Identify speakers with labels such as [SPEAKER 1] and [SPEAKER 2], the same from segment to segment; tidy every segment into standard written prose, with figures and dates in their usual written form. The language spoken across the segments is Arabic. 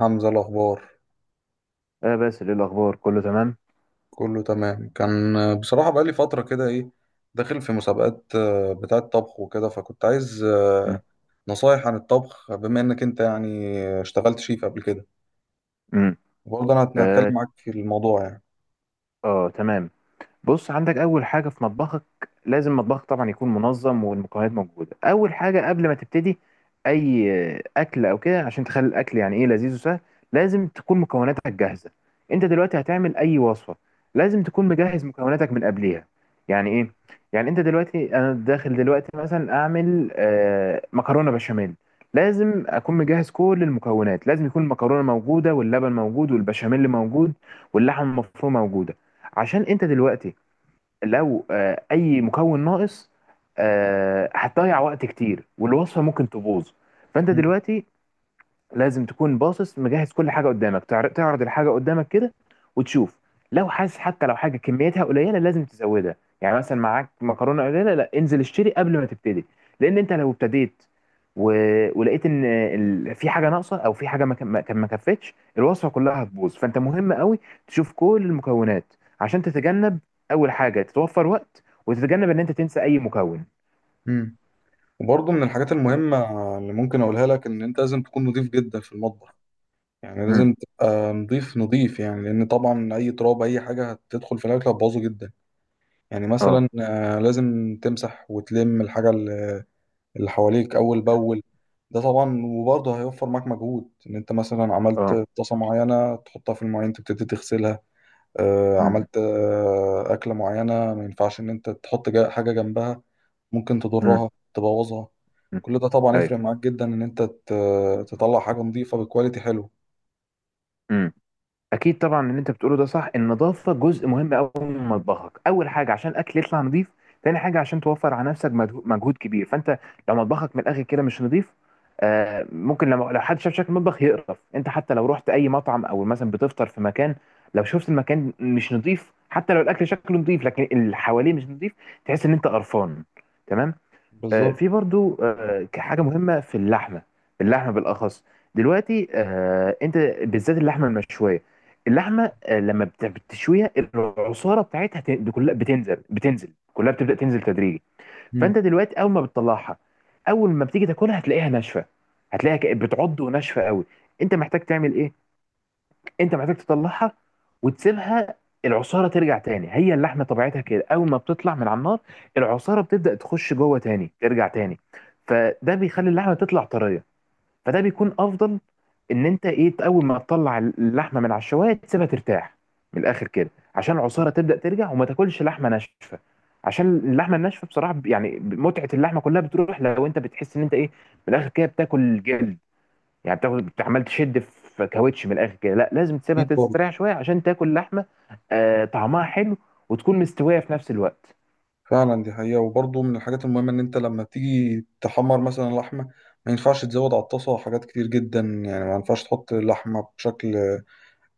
[SPEAKER 1] حمزة، الأخبار
[SPEAKER 2] آه، بس ايه الاخبار؟ كله تمام.
[SPEAKER 1] كله تمام. كان بصراحة بقالي فترة كده إيه، داخل في مسابقات بتاعة طبخ وكده، فكنت عايز
[SPEAKER 2] مم.
[SPEAKER 1] نصايح عن الطبخ بما إنك أنت يعني اشتغلت شيف قبل كده.
[SPEAKER 2] مم.
[SPEAKER 1] وبرضه أنا هتكلم
[SPEAKER 2] اه.
[SPEAKER 1] معاك في الموضوع يعني.
[SPEAKER 2] آه، تمام. بص، عندك اول حاجه في مطبخك، لازم مطبخك طبعا يكون منظم والمكونات موجوده. اول حاجه قبل ما تبتدي اي اكل او كده، عشان تخلي الاكل يعني ايه، لذيذ وسهل، لازم تكون مكوناتك جاهزه. انت دلوقتي هتعمل اي وصفه، لازم تكون مجهز مكوناتك من قبليها. يعني ايه؟ يعني انت دلوقتي، انا داخل دلوقتي مثلا اعمل مكرونه بشاميل، لازم اكون مجهز كل المكونات. لازم يكون المكرونه موجوده، واللبن موجود، والبشاميل موجود، واللحم المفروم موجوده. عشان انت دلوقتي لو اي مكون ناقص، هتضيع وقت كتير والوصفه ممكن تبوظ. فانت
[SPEAKER 1] مم.
[SPEAKER 2] دلوقتي لازم تكون باصص، مجهز كل حاجه قدامك، تعرض الحاجه قدامك كده وتشوف. لو حاسس حتى لو حاجه كميتها قليله، لازم تزودها. يعني مثلا معاك مكرونه قليله، لا، انزل اشتري قبل ما تبتدي. لان انت لو ابتديت و... ولقيت ان في حاجه ناقصه، او في حاجه ما ك- ما ما كفتش، الوصفه كلها هتبوظ. فانت مهم قوي تشوف كل المكونات، عشان تتجنب. اول حاجه، تتوفر وقت، وتتجنب ان انت تنسى اي مكون.
[SPEAKER 1] مم. وبرضه من الحاجات المهمة اللي ممكن أقولها لك إن أنت لازم تكون نضيف جدا في المطبخ. يعني
[SPEAKER 2] امم.
[SPEAKER 1] لازم تبقى نضيف نضيف، يعني لأن طبعا أي تراب أي حاجة هتدخل في الأكل هتبوظه جدا. يعني
[SPEAKER 2] اه.
[SPEAKER 1] مثلا لازم تمسح وتلم الحاجة اللي حواليك اول باول. ده طبعا وبرضه هيوفر معاك مجهود، ان انت مثلا عملت
[SPEAKER 2] اه.
[SPEAKER 1] طاسه معينه تحطها في المواعين تبتدي تغسلها.
[SPEAKER 2] امم.
[SPEAKER 1] عملت اكله معينه، ما ينفعش ان انت تحط حاجه جنبها، ممكن
[SPEAKER 2] امم.
[SPEAKER 1] تضرها تبوظها.
[SPEAKER 2] أمم.
[SPEAKER 1] كل ده طبعا
[SPEAKER 2] ايوه.
[SPEAKER 1] يفرق معاك جدا، ان انت تطلع حاجه نظيفه بكواليتي حلو.
[SPEAKER 2] اكيد طبعا، اللي انت بتقوله ده صح. النظافه جزء مهم قوي من مطبخك. اول حاجه، عشان الاكل يطلع نظيف. تاني حاجه، عشان توفر على نفسك مجهود كبير. فانت لو مطبخك من الاخر كده مش نظيف، ممكن لما لو حد شاف شكل المطبخ يقرف. انت حتى لو رحت اي مطعم، او مثلا بتفطر في مكان، لو شفت المكان مش نظيف، حتى لو الاكل شكله نظيف لكن اللي حواليه مش نظيف، تحس ان انت قرفان. تمام.
[SPEAKER 1] بالظبط.
[SPEAKER 2] في برضو حاجة مهمة في اللحمة، اللحمة بالأخص. دلوقتي أنت بالذات اللحمة المشوية، اللحمة لما بتشويها، العصارة بتاعتها، دي كلها بتنزل، بتنزل كلها، بتبدأ تنزل تدريجي.
[SPEAKER 1] مم.
[SPEAKER 2] فأنت دلوقتي أول ما بتطلعها، أول ما بتيجي تاكلها، هتلاقيها ناشفة، هتلاقيها بتعض، وناشفة قوي. أنت محتاج تعمل إيه؟ انت محتاج تطلعها وتسيبها، العصاره ترجع تاني. هي اللحمه طبيعتها كده، اول ما بتطلع من على النار، العصاره بتبدا تخش جوه تاني، ترجع تاني. فده بيخلي اللحمه تطلع طريه. فده بيكون افضل، ان انت ايه، اول ما تطلع اللحمه من على الشوايه تسيبها ترتاح، من الاخر كده، عشان العصاره تبدا ترجع، وما تاكلش لحمه ناشفه. عشان اللحمه الناشفه بصراحه يعني متعه اللحمه كلها بتروح، لو انت بتحس ان انت ايه، من الاخر كده بتاكل جلد. يعني بتاخد عمال تشد في كاوتش من الاخر كده. لا، لازم تسيبها
[SPEAKER 1] اكيد.
[SPEAKER 2] تستريح شويه، عشان تاكل لحمه آه طعمها حلو، وتكون مستويه في نفس الوقت.
[SPEAKER 1] فعلا دي حقيقة. وبرضه من الحاجات المهمة إن أنت لما تيجي تحمر مثلا لحمة، ما ينفعش تزود على الطاسة حاجات كتير جدا. يعني ما ينفعش تحط اللحمة بشكل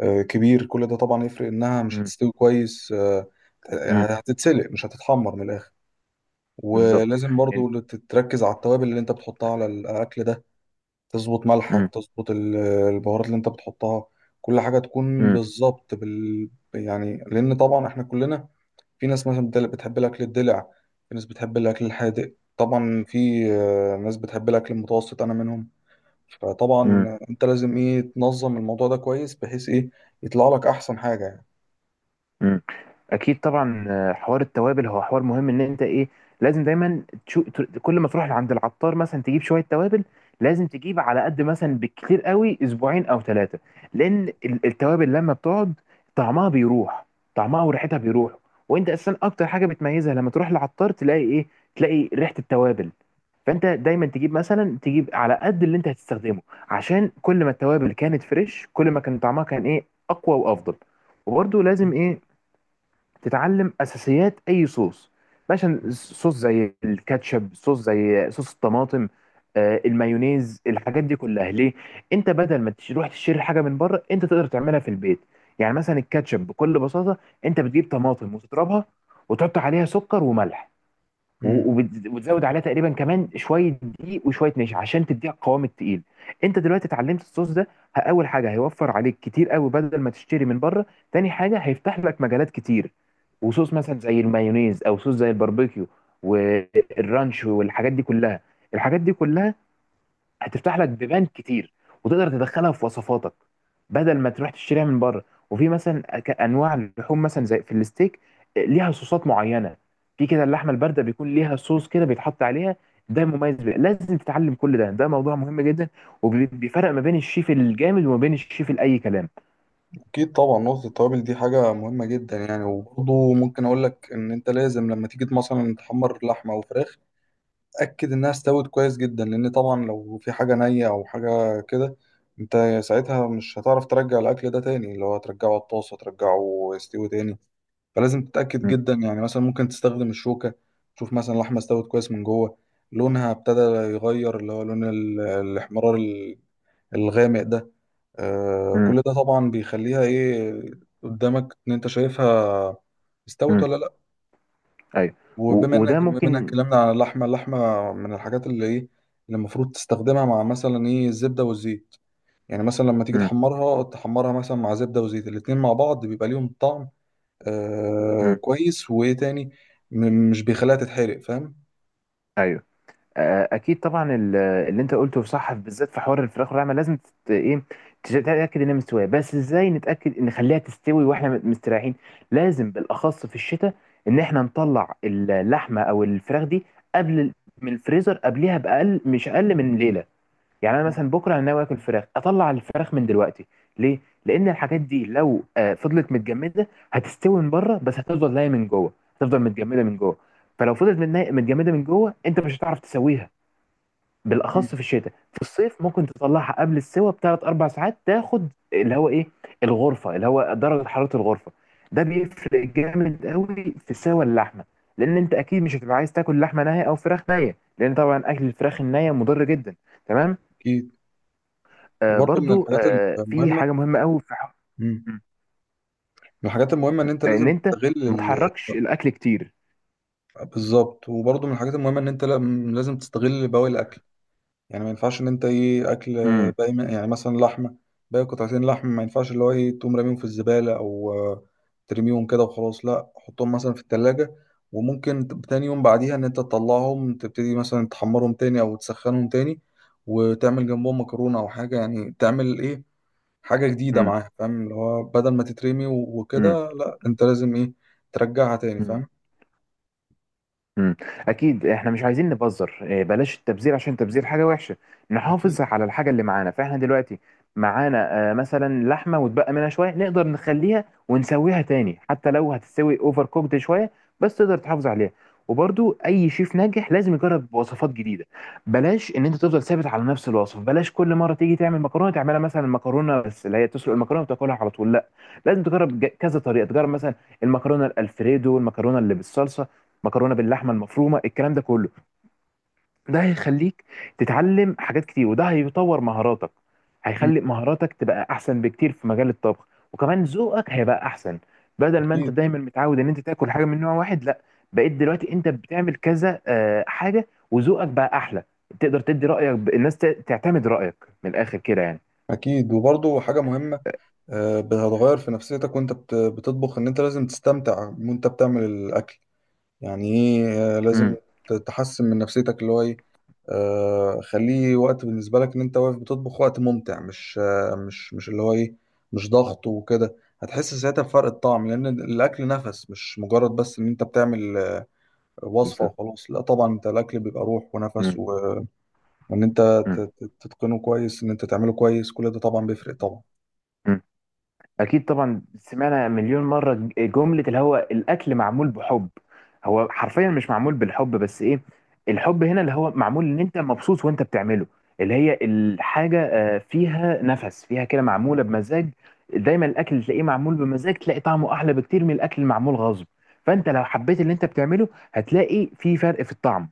[SPEAKER 1] كبير. كل ده طبعا يفرق، إنها مش
[SPEAKER 2] امم.
[SPEAKER 1] هتستوي كويس.
[SPEAKER 2] امم.
[SPEAKER 1] يعني هتتسلق مش هتتحمر من الآخر.
[SPEAKER 2] بالظبط.
[SPEAKER 1] ولازم
[SPEAKER 2] يعني-
[SPEAKER 1] برضه تركز على التوابل اللي أنت بتحطها على الأكل ده. تظبط ملحك،
[SPEAKER 2] امم.
[SPEAKER 1] تظبط البهارات اللي أنت بتحطها، كل حاجة تكون
[SPEAKER 2] امم.
[SPEAKER 1] بالظبط يعني، لأن طبعا إحنا كلنا، في ناس مثلا بتحب الأكل الدلع، في ناس بتحب الأكل الحادق، طبعا في ناس بتحب الأكل المتوسط أنا منهم. فطبعا أنت لازم إيه، تنظم الموضوع ده كويس، بحيث إيه يطلع لك أحسن حاجة يعني.
[SPEAKER 2] مم. اكيد طبعا، حوار التوابل هو حوار مهم. ان انت ايه، لازم دايما كل ما تروح عند العطار مثلا تجيب شويه توابل، لازم تجيب على قد، مثلا بالكتير قوي اسبوعين او 3. لان التوابل لما بتقعد، طعمها بيروح، طعمها وريحتها بيروح. وانت اساسا اكتر حاجه بتميزها لما تروح للعطار تلاقي ايه، تلاقي ريحه التوابل. فانت دايما تجيب مثلا، تجيب على قد اللي انت هتستخدمه. عشان كل ما التوابل كانت فريش، كل ما كان طعمها كان ايه، اقوى وافضل. وبرده لازم ايه، تتعلم اساسيات اي صوص، مثلا صوص زي الكاتشب، صوص زي صوص الطماطم، المايونيز، الحاجات دي كلها. ليه؟ انت بدل ما تروح تشتري حاجه من بره، انت تقدر تعملها في البيت. يعني مثلا الكاتشب بكل بساطه، انت بتجيب طماطم وتضربها، وتحط عليها سكر وملح
[SPEAKER 1] مم.
[SPEAKER 2] وتزود عليها تقريبا كمان شويه دقيق وشويه نشا، عشان تديها القوام التقيل. انت دلوقتي اتعلمت الصوص ده، اول حاجه هيوفر عليك كتير قوي بدل ما تشتري من بره. تاني حاجه هيفتح لك مجالات كتير. وصوص مثلا زي المايونيز، او صوص زي الباربيكيو، والرانش، والحاجات دي كلها، الحاجات دي كلها هتفتح لك بيبان كتير، وتقدر تدخلها في وصفاتك، بدل ما تروح تشتريها من بره. وفي مثلا انواع اللحوم مثلا زي في الستيك، ليها صوصات معينه. في كده اللحمه البارده بيكون ليها صوص كده بيتحط عليها، ده مميز بيه. لازم تتعلم كل ده، ده موضوع مهم جدا، وبيفرق ما بين الشيف الجامد، وما بين الشيف الاي كلام.
[SPEAKER 1] أكيد طبعا. نقطة التوابل دي حاجة مهمة جدا يعني. وبرضه ممكن أقول لك إن أنت لازم لما تيجي مثلا تحمر لحمة أو فراخ، اتاكد انها استوت كويس جدا. لان طبعا لو في حاجه نيه او حاجه كده، انت ساعتها مش هتعرف ترجع الاكل ده تاني، اللي هو ترجعه على الطاسه ترجعه يستوي تاني. فلازم تتاكد
[SPEAKER 2] م-
[SPEAKER 1] جدا. يعني مثلا ممكن تستخدم الشوكه، تشوف مثلا اللحمه استوت كويس من جوه، لونها ابتدى يغير، اللي هو لون الاحمرار الغامق ده. آه،
[SPEAKER 2] م-
[SPEAKER 1] كل ده طبعا بيخليها ايه، قدامك ان انت شايفها استوت
[SPEAKER 2] م.
[SPEAKER 1] ولا لا.
[SPEAKER 2] ايوه.
[SPEAKER 1] وبما
[SPEAKER 2] وده
[SPEAKER 1] انك بما انك
[SPEAKER 2] ممكن.
[SPEAKER 1] اتكلمنا على اللحمه، اللحمه من الحاجات اللي ايه، اللي المفروض تستخدمها مع مثلا ايه، الزبده والزيت. يعني مثلا لما تيجي
[SPEAKER 2] م-
[SPEAKER 1] تحمرها، تحمرها مثلا مع زبده وزيت، الاتنين مع بعض بيبقى ليهم طعم آه
[SPEAKER 2] م.
[SPEAKER 1] كويس، وايه تاني، مش بيخليها تتحرق، فاهم.
[SPEAKER 2] ايوه. اكيد طبعا، اللي انت قلته صح، بالذات في حوار الفراخ واللحمه، لازم ايه، تتاكد انها مستويه. بس ازاي نتاكد ان نخليها تستوي واحنا مستريحين؟ لازم بالاخص في الشتاء، ان احنا نطلع اللحمه او الفراخ دي قبل من الفريزر، قبليها باقل، مش اقل من ليله. يعني انا
[SPEAKER 1] مم.
[SPEAKER 2] مثلا بكره انا ناوي اكل فراخ، اطلع الفراخ من دلوقتي. ليه؟ لان الحاجات دي لو فضلت متجمده، هتستوي من بره، بس هتفضل نايه من جوه، هتفضل متجمده من جوه. فلو فضلت متجمده من جوه، انت مش هتعرف تسويها.
[SPEAKER 1] مم.
[SPEAKER 2] بالاخص في الشتاء. في الصيف ممكن تطلعها قبل السوى بثلاث اربع ساعات، تاخد اللي هو ايه، الغرفه، اللي هو درجه حراره الغرفه. ده بيفرق جامد قوي في سوى اللحمه. لان انت اكيد مش هتبقى عايز تاكل لحمه نيه او فراخ نيه، لان طبعا اكل الفراخ النيه مضر جدا. تمام.
[SPEAKER 1] اكيد.
[SPEAKER 2] آه
[SPEAKER 1] وبرضه من
[SPEAKER 2] برضو
[SPEAKER 1] الحاجات
[SPEAKER 2] في
[SPEAKER 1] المهمه،
[SPEAKER 2] حاجه مهمه قوي في
[SPEAKER 1] مم،
[SPEAKER 2] م-
[SPEAKER 1] من الحاجات المهمه ان انت
[SPEAKER 2] ان
[SPEAKER 1] لازم
[SPEAKER 2] انت
[SPEAKER 1] تستغل
[SPEAKER 2] ما تحركش الاكل كتير.
[SPEAKER 1] بالظبط. وبرضه من الحاجات المهمه ان انت لازم تستغل بواقي الاكل. يعني ما ينفعش ان انت ايه، اكل
[SPEAKER 2] امم.
[SPEAKER 1] يعني مثلا لحمه باقي، قطعتين لحم، ما ينفعش اللي هو ايه تقوم راميهم في الزباله، او ترميهم كده وخلاص. لا، حطهم مثلا في التلاجة، وممكن تاني يوم بعديها ان انت تطلعهم، تبتدي مثلا تحمرهم تاني او تسخنهم تاني، وتعمل جنبهم مكرونه او حاجه. يعني تعمل ايه، حاجه جديده معاها، فاهم. اللي هو بدل ما تترمي وكده، لا انت لازم ايه، ترجعها تاني
[SPEAKER 2] امم.
[SPEAKER 1] فاهم.
[SPEAKER 2] امم. اكيد، احنا مش عايزين نبذر إيه، بلاش التبذير، عشان التبذير حاجه وحشه.
[SPEAKER 1] أكيد.
[SPEAKER 2] نحافظ على الحاجه اللي معانا. فاحنا دلوقتي معانا مثلا لحمه، واتبقى منها شويه، نقدر نخليها ونسويها تاني، حتى لو هتستوي اوفر كوكد شويه، بس تقدر تحافظ عليها. وبرضو اي شيف ناجح لازم يجرب وصفات جديده. بلاش ان انت تفضل ثابت على نفس الوصف. بلاش كل مره تيجي تعمل مكرونه تعملها مثلا مكرونه بس اللي هي تسلق المكرونه وتاكلها على طول. لا، لازم تجرب، كذا طريقه، تجرب مثلا المكرونه الالفريدو، المكرونه اللي بالصلصه، مكرونه باللحمه المفرومه، الكلام ده كله. ده هيخليك تتعلم حاجات كتير، وده هيطور مهاراتك،
[SPEAKER 1] مم.
[SPEAKER 2] هيخلي مهاراتك تبقى احسن بكتير في مجال الطبخ. وكمان ذوقك هيبقى احسن، بدل ما انت
[SPEAKER 1] اكيد.
[SPEAKER 2] دايما متعود ان انت تاكل حاجه من نوع واحد. لا، بقيت دلوقتي انت بتعمل كذا حاجه، وذوقك بقى احلى. تقدر تدي رايك، الناس تعتمد رايك من الاخر كده يعني.
[SPEAKER 1] اكيد. وبرضه حاجه مهمه، هتغير في نفسيتك وانت بتطبخ، ان انت لازم تستمتع وانت بتعمل الاكل. يعني ايه، لازم
[SPEAKER 2] امم.
[SPEAKER 1] تحسن من نفسيتك، اللي هو ايه، خليه وقت بالنسبه لك ان انت واقف بتطبخ وقت ممتع، مش اللي هو ايه، مش ضغط وكده. هتحس ساعتها بفرق الطعم، لان الاكل نفس، مش مجرد بس ان انت بتعمل وصفه
[SPEAKER 2] بالظبط.
[SPEAKER 1] وخلاص. لا، طبعا انت الاكل بيبقى روح ونفس،
[SPEAKER 2] مم.
[SPEAKER 1] وان انت
[SPEAKER 2] مم.
[SPEAKER 1] تتقنه كويس، ان انت تعمله كويس، كل ده طبعا بيفرق طبعا.
[SPEAKER 2] مم. اكيد طبعا، سمعنا مليون مره جمله اللي هو الاكل معمول بحب. هو حرفيا مش معمول بالحب، بس ايه، الحب هنا اللي هو معمول ان انت مبسوط وانت بتعمله. اللي هي الحاجه فيها نفس، فيها كده، معموله بمزاج. دايما الاكل اللي تلاقيه معمول بمزاج، تلاقي طعمه احلى بكتير من الاكل المعمول غصب. فانت لو حبيت اللي انت بتعمله، هتلاقي في فرق في الطعم.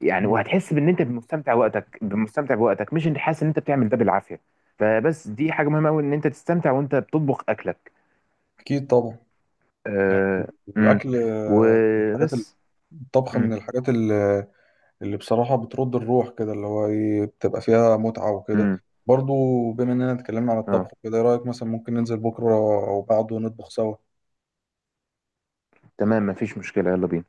[SPEAKER 2] يعني وهتحس بان انت مستمتع وقتك، مستمتع بوقتك، مش انت حاسس ان انت بتعمل ده بالعافيه. فبس، دي حاجه مهمه قوي، ان انت تستمتع وانت بتطبخ اكلك.
[SPEAKER 1] اكيد طبعا. يعني
[SPEAKER 2] آه. امم.
[SPEAKER 1] الأكل من
[SPEAKER 2] وبس.
[SPEAKER 1] الطبخ من
[SPEAKER 2] امم.
[SPEAKER 1] الحاجات اللي بصراحة بترد الروح كده، اللي هو إيه، بتبقى فيها متعة وكده
[SPEAKER 2] امم.
[SPEAKER 1] برضو. بما إننا اتكلمنا عن
[SPEAKER 2] اه.
[SPEAKER 1] الطبخ كده، إيه رأيك مثلا ممكن ننزل بكرة أو بعده نطبخ سوا؟
[SPEAKER 2] تمام، مفيش مشكله، يلا بينا.